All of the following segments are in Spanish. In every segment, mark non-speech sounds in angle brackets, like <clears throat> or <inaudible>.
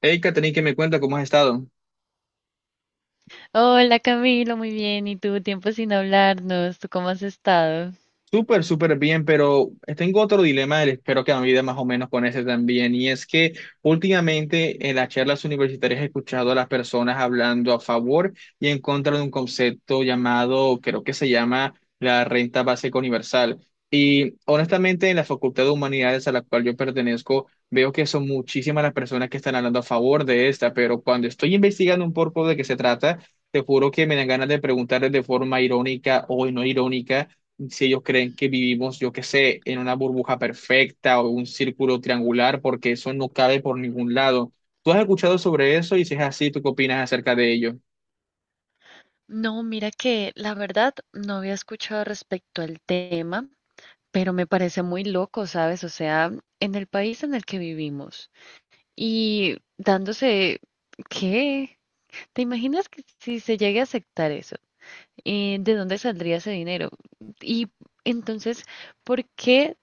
Hey, Katherine, ¿qué me cuenta? ¿Cómo has estado? Hola Camilo, muy bien. ¿Y tú? Tiempo sin hablarnos. ¿Tú cómo has estado? Súper, súper bien, pero tengo otro dilema, espero que me ayude más o menos con ese también, y es que últimamente en las charlas universitarias he escuchado a las personas hablando a favor y en contra de un concepto llamado, creo que se llama la renta básica universal. Y honestamente en la Facultad de Humanidades a la cual yo pertenezco, veo que son muchísimas las personas que están hablando a favor de esta, pero cuando estoy investigando un poco de qué se trata, te juro que me dan ganas de preguntarles de forma irónica o no irónica si ellos creen que vivimos, yo qué sé, en una burbuja perfecta o un círculo triangular, porque eso no cabe por ningún lado. ¿Tú has escuchado sobre eso? Y si es así, ¿tú qué opinas acerca de ello? No, mira que la verdad no había escuchado respecto al tema, pero me parece muy loco, ¿sabes? O sea, en el país en el que vivimos y dándose, ¿qué? ¿Te imaginas que si se llegue a aceptar eso? ¿De dónde saldría ese dinero? Y entonces, ¿por qué?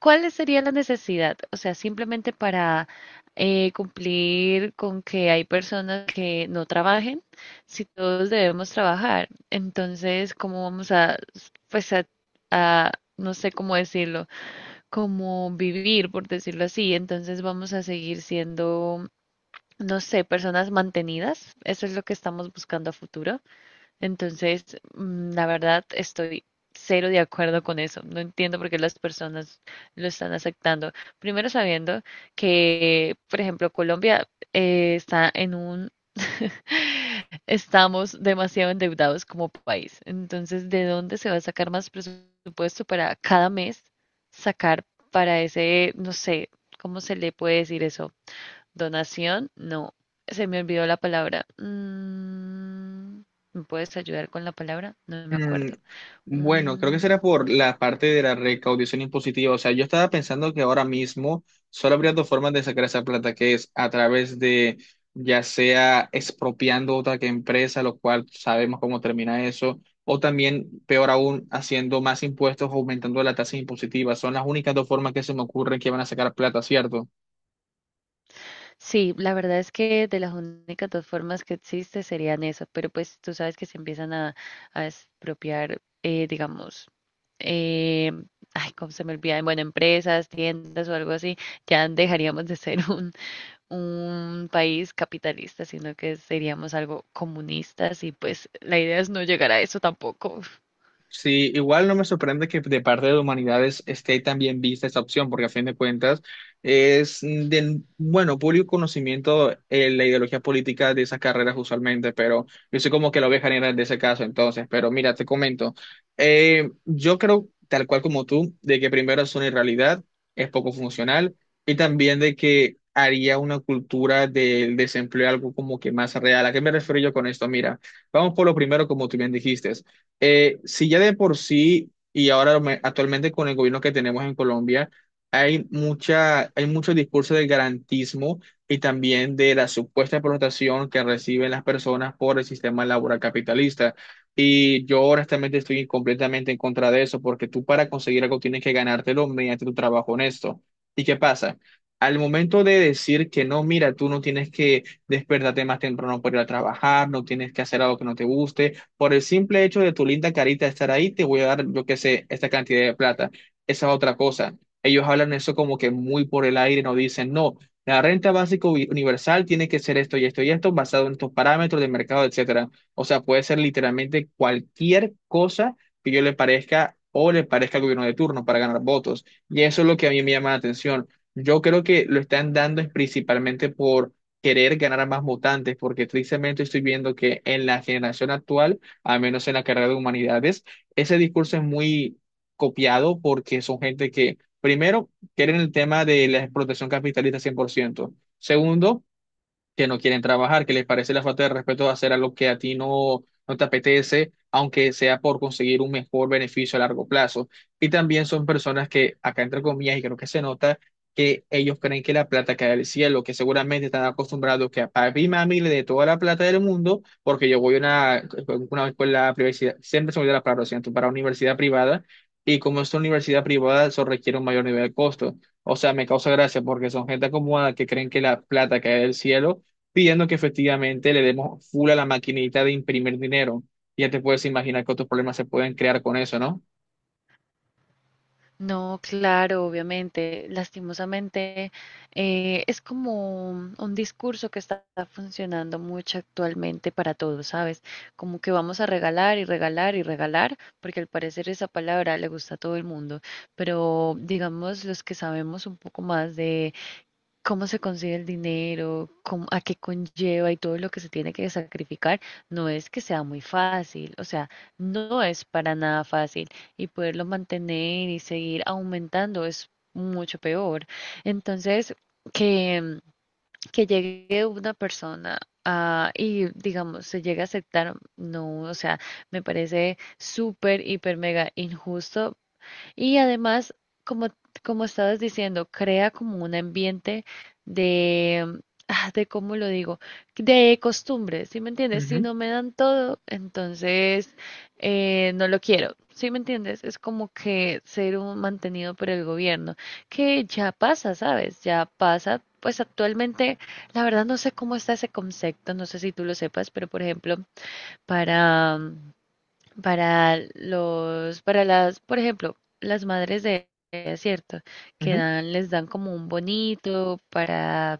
¿Cuál sería la necesidad? O sea, simplemente para cumplir con que hay personas que no trabajen, si todos debemos trabajar, entonces, ¿cómo vamos a, pues, a, no sé cómo decirlo, como vivir, por decirlo así? Entonces vamos a seguir siendo, no sé, personas mantenidas. Eso es lo que estamos buscando a futuro. Entonces, la verdad, estoy cero de acuerdo con eso. No entiendo por qué las personas lo están aceptando. Primero sabiendo que, por ejemplo, Colombia está en un... <laughs> Estamos demasiado endeudados como país. Entonces, ¿de dónde se va a sacar más presupuesto para cada mes sacar para ese, no sé, ¿cómo se le puede decir eso? Donación, no, se me olvidó la palabra. ¿Me puedes ayudar con la palabra? No me Mm, acuerdo. Bueno, creo que será Un- por la parte de la recaudación impositiva. O sea, yo estaba pensando que ahora mismo solo habría dos formas de sacar esa plata, que es a través de, ya sea expropiando otra que empresa, lo cual sabemos cómo termina eso, o también, peor aún, haciendo más impuestos, aumentando la tasa impositiva. Son las únicas dos formas que se me ocurren que van a sacar plata, ¿cierto? Sí, la verdad es que de las únicas dos formas que existe serían eso, pero pues tú sabes que se empiezan a expropiar, digamos, eh, ay, cómo se me olvida, bueno, empresas, tiendas o algo así, ya dejaríamos de ser un país capitalista, sino que seríamos algo comunistas y pues la idea es no llegar a eso tampoco. Sí, igual no me sorprende que de parte de humanidades esté también vista esta opción, porque a fin de cuentas es de, bueno, público conocimiento, la ideología política de esas carreras usualmente, pero yo soy como que la oveja negra de ese caso entonces, pero mira, te comento, yo creo, tal cual como tú, de que primero es una irrealidad, es poco funcional, y también de que haría una cultura del desempleo algo como que más real. ¿A qué me refiero yo con esto? Mira, vamos por lo primero, como tú bien dijiste. Si ya de por sí, y actualmente con el gobierno que tenemos en Colombia, hay mucho discurso del garantismo y también de la supuesta explotación que reciben las personas por el sistema laboral capitalista. Y yo honestamente estoy completamente en contra de eso, porque tú para conseguir algo tienes que ganártelo mediante tu trabajo honesto. ¿Y qué pasa? Al momento de decir que no, mira, tú no tienes que despertarte más temprano para ir a trabajar, no tienes que hacer algo que no te guste, por el simple hecho de tu linda carita estar ahí, te voy a dar, yo qué sé, esta cantidad de plata. Esa es otra cosa. Ellos hablan eso como que muy por el aire, no dicen, no, la renta básica universal tiene que ser esto y esto y esto, basado en estos parámetros de mercado, etcétera. O sea, puede ser literalmente cualquier cosa que yo le parezca o le parezca al gobierno de turno para ganar votos. Y eso es lo que a mí me llama la atención. Yo creo que lo están dando es principalmente por querer ganar a más votantes, porque tristemente estoy viendo que en la generación actual, al menos en la carrera de humanidades, ese discurso es muy copiado porque son gente que, primero, quieren el tema de la explotación capitalista 100%. Segundo, que no quieren trabajar, que les parece la falta de respeto de hacer algo que a ti no te apetece, aunque sea por conseguir un mejor beneficio a largo plazo. Y también son personas que, acá entre comillas, y creo que se nota, que ellos creen que la plata cae del cielo, que seguramente están acostumbrados que a papi y mami le dé toda la plata del mundo, porque yo voy a una escuela privada, siempre se me olvida la palabra, lo siento, para una universidad privada, y como es una universidad privada, eso requiere un mayor nivel de costo. O sea, me causa gracia porque son gente acomodada que creen que la plata cae del cielo pidiendo que efectivamente le demos full a la maquinita de imprimir dinero. Ya te puedes imaginar cuántos problemas se pueden crear con eso, ¿no? No, claro, obviamente, lastimosamente, es como un discurso que está funcionando mucho actualmente para todos, ¿sabes? Como que vamos a regalar y regalar y regalar, porque al parecer esa palabra le gusta a todo el mundo, pero digamos los que sabemos un poco más de cómo se consigue el dinero, a qué conlleva y todo lo que se tiene que sacrificar, no es que sea muy fácil, o sea, no es para nada fácil y poderlo mantener y seguir aumentando es mucho peor. Entonces, que, que llegue una persona a, y digamos, se llegue a aceptar, no, o sea, me parece súper, hiper, mega injusto y además, como, como estabas diciendo, crea como un ambiente de, ah, de, ¿cómo lo digo? De costumbres, ¿sí me entiendes? Si Ujú, no me dan todo, entonces no lo quiero, ¿sí me entiendes? Es como que ser un mantenido por el gobierno, que ya pasa, ¿sabes? Ya pasa. Pues actualmente, la verdad no sé cómo está ese concepto, no sé si tú lo sepas, pero por ejemplo, para para los, para las, por ejemplo, las madres de, es cierto, que ujú, dan, les dan como un bonito para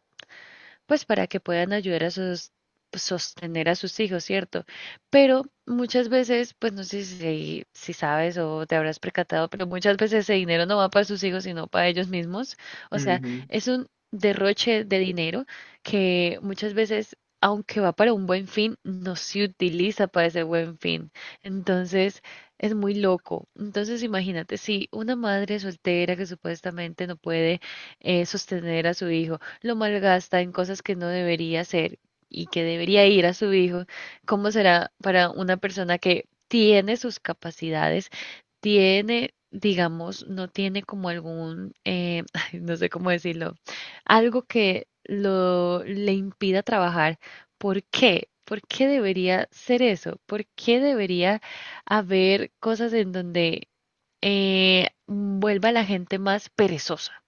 pues para que puedan ayudar a sus pues, sostener a sus hijos, ¿cierto? Pero muchas veces, pues no sé si, si sabes o te habrás percatado, pero muchas veces ese dinero no va para sus hijos, sino para ellos mismos. O sea, ujú. es un derroche de dinero que muchas veces, aunque va para un buen fin, no se utiliza para ese buen fin. Entonces, es muy loco. Entonces, imagínate, si una madre soltera que supuestamente no puede sostener a su hijo, lo malgasta en cosas que no debería hacer y que debería ir a su hijo, ¿cómo será para una persona que tiene sus capacidades, tiene, digamos, no tiene como algún, <laughs> ay, no sé cómo decirlo, algo que lo le impida trabajar? ¿Por qué? ¿Por qué debería ser eso? ¿Por qué debería haber cosas en donde vuelva la gente más perezosa,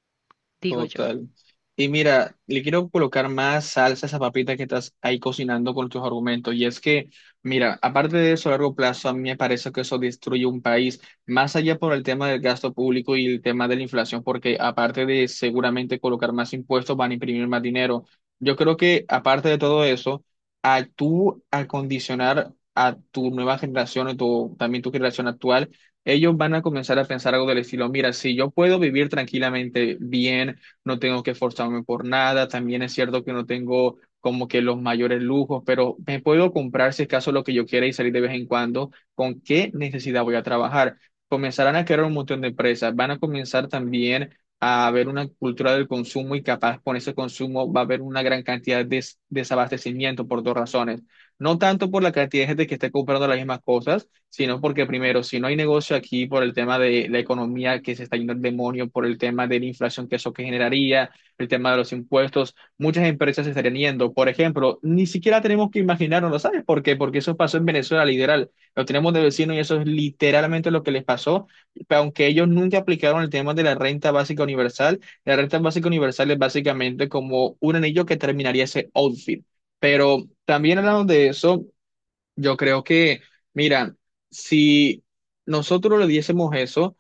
digo yo? Total. Y mira, le quiero colocar más salsa a esa papita que estás ahí cocinando con tus argumentos. Y es que, mira, aparte de eso a largo plazo, a mí me parece que eso destruye un país, más allá por el tema del gasto público y el tema de la inflación, porque aparte de seguramente colocar más impuestos, van a imprimir más dinero. Yo creo que, aparte de todo eso, a tú acondicionar a tu nueva generación, también tu generación actual, ellos van a comenzar a pensar algo del estilo, mira, si yo puedo vivir tranquilamente bien, no tengo que esforzarme por nada, también es cierto que no tengo como que los mayores lujos, pero me puedo comprar si es caso lo que yo quiera y salir de vez en cuando, ¿con qué necesidad voy a trabajar? Comenzarán a crear un montón de empresas, van a comenzar también a haber una cultura del consumo y capaz con ese consumo va a haber una gran cantidad de desabastecimiento por dos razones. No tanto por la cantidad de gente que esté comprando las mismas cosas, sino porque primero, si no hay negocio aquí por el tema de la economía que se está yendo al demonio, por el tema de la inflación que eso que generaría, el tema de los impuestos, muchas empresas se estarían yendo. Por ejemplo, ni siquiera tenemos que imaginarnos, ¿lo ¿sabes por qué? Porque eso pasó en Venezuela, literal. Lo tenemos de vecino y eso es literalmente lo que les pasó. Aunque ellos nunca aplicaron el tema de la renta básica universal, la renta básica universal es básicamente como un anillo que terminaría ese outfit. Pero también hablando de eso, yo creo que, mira, si nosotros le diésemos eso,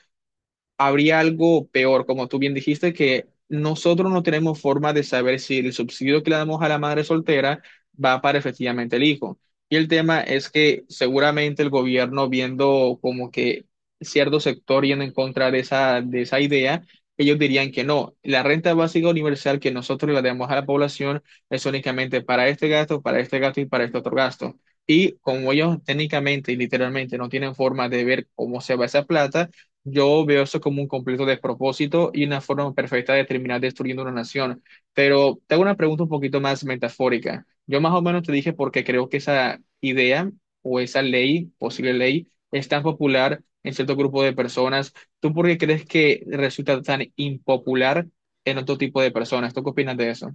habría algo peor, como tú bien dijiste, que nosotros no tenemos forma de saber si el subsidio que le damos a la madre soltera va para efectivamente el hijo. Y el tema es que seguramente el gobierno, viendo como que cierto sector yendo en contra de de esa idea, ellos dirían que no, la renta básica universal que nosotros le damos a la población es únicamente para este gasto y para este otro gasto. Y como ellos técnicamente y literalmente no tienen forma de ver cómo se va esa plata, yo veo eso como un completo despropósito y una forma perfecta de terminar destruyendo una nación. Pero te hago una pregunta un poquito más metafórica. Yo más o menos te dije porque creo que esa idea o esa ley, posible ley, es tan popular en cierto grupo de personas. ¿Tú por qué crees que resulta tan impopular en otro tipo de personas? ¿Tú qué opinas de eso?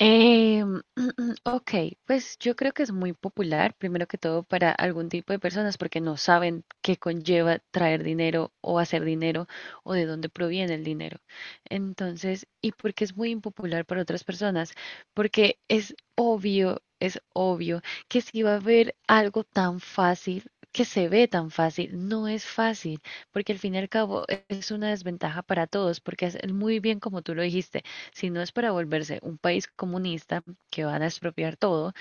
Eh, <clears throat> ok, pues yo creo que es muy popular, primero que todo, para algún tipo de personas porque no saben qué conlleva traer dinero o hacer dinero o de dónde proviene el dinero. Entonces, ¿y por qué es muy impopular para otras personas? Porque es obvio que si va a haber algo tan fácil, que se ve tan fácil, no es fácil, porque al fin y al cabo es una desventaja para todos, porque es muy bien como tú lo dijiste si no es para volverse un país comunista que van a expropiar todo,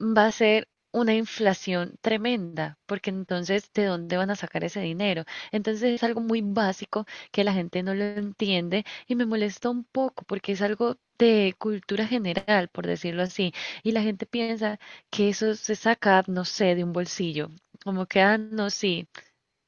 va a ser una inflación tremenda, porque entonces, ¿de dónde van a sacar ese dinero? Entonces es algo muy básico que la gente no lo entiende y me molesta un poco porque es algo de cultura general, por decirlo así, y la gente piensa que eso se saca, no sé, de un bolsillo, como que, ah, no, sí,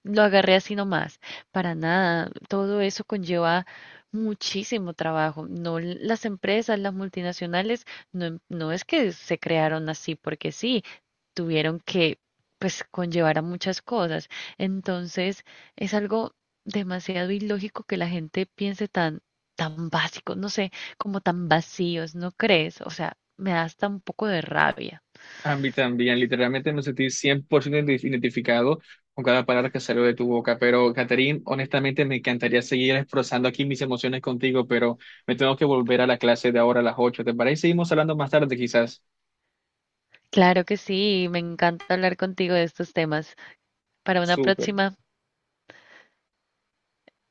lo agarré así nomás, para nada. Todo eso conlleva muchísimo trabajo. No, las empresas, las multinacionales, no, no es que se crearon así porque sí, tuvieron que, pues, conllevar a muchas cosas. Entonces, es algo demasiado ilógico que la gente piense tan, tan básico, no sé, como tan vacíos, ¿no crees? O sea, me da hasta un poco de rabia. A mí también, literalmente me sentí 100% identificado con cada palabra que salió de tu boca, pero Catherine, honestamente me encantaría seguir expresando aquí mis emociones contigo, pero me tengo que volver a la clase de ahora a las 8, ¿te parece? Seguimos hablando más tarde quizás. Claro que sí, me encanta hablar contigo de estos temas. Para una Súper. próxima.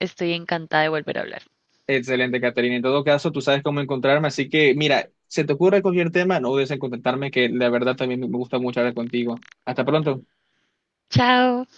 Estoy encantada de volver a hablar. Excelente, Catherine. En todo caso, tú sabes cómo encontrarme, así que mira, se te ocurre cualquier tema, no dudes en contactarme, que la verdad también me gusta mucho hablar contigo. Hasta pronto. Chao.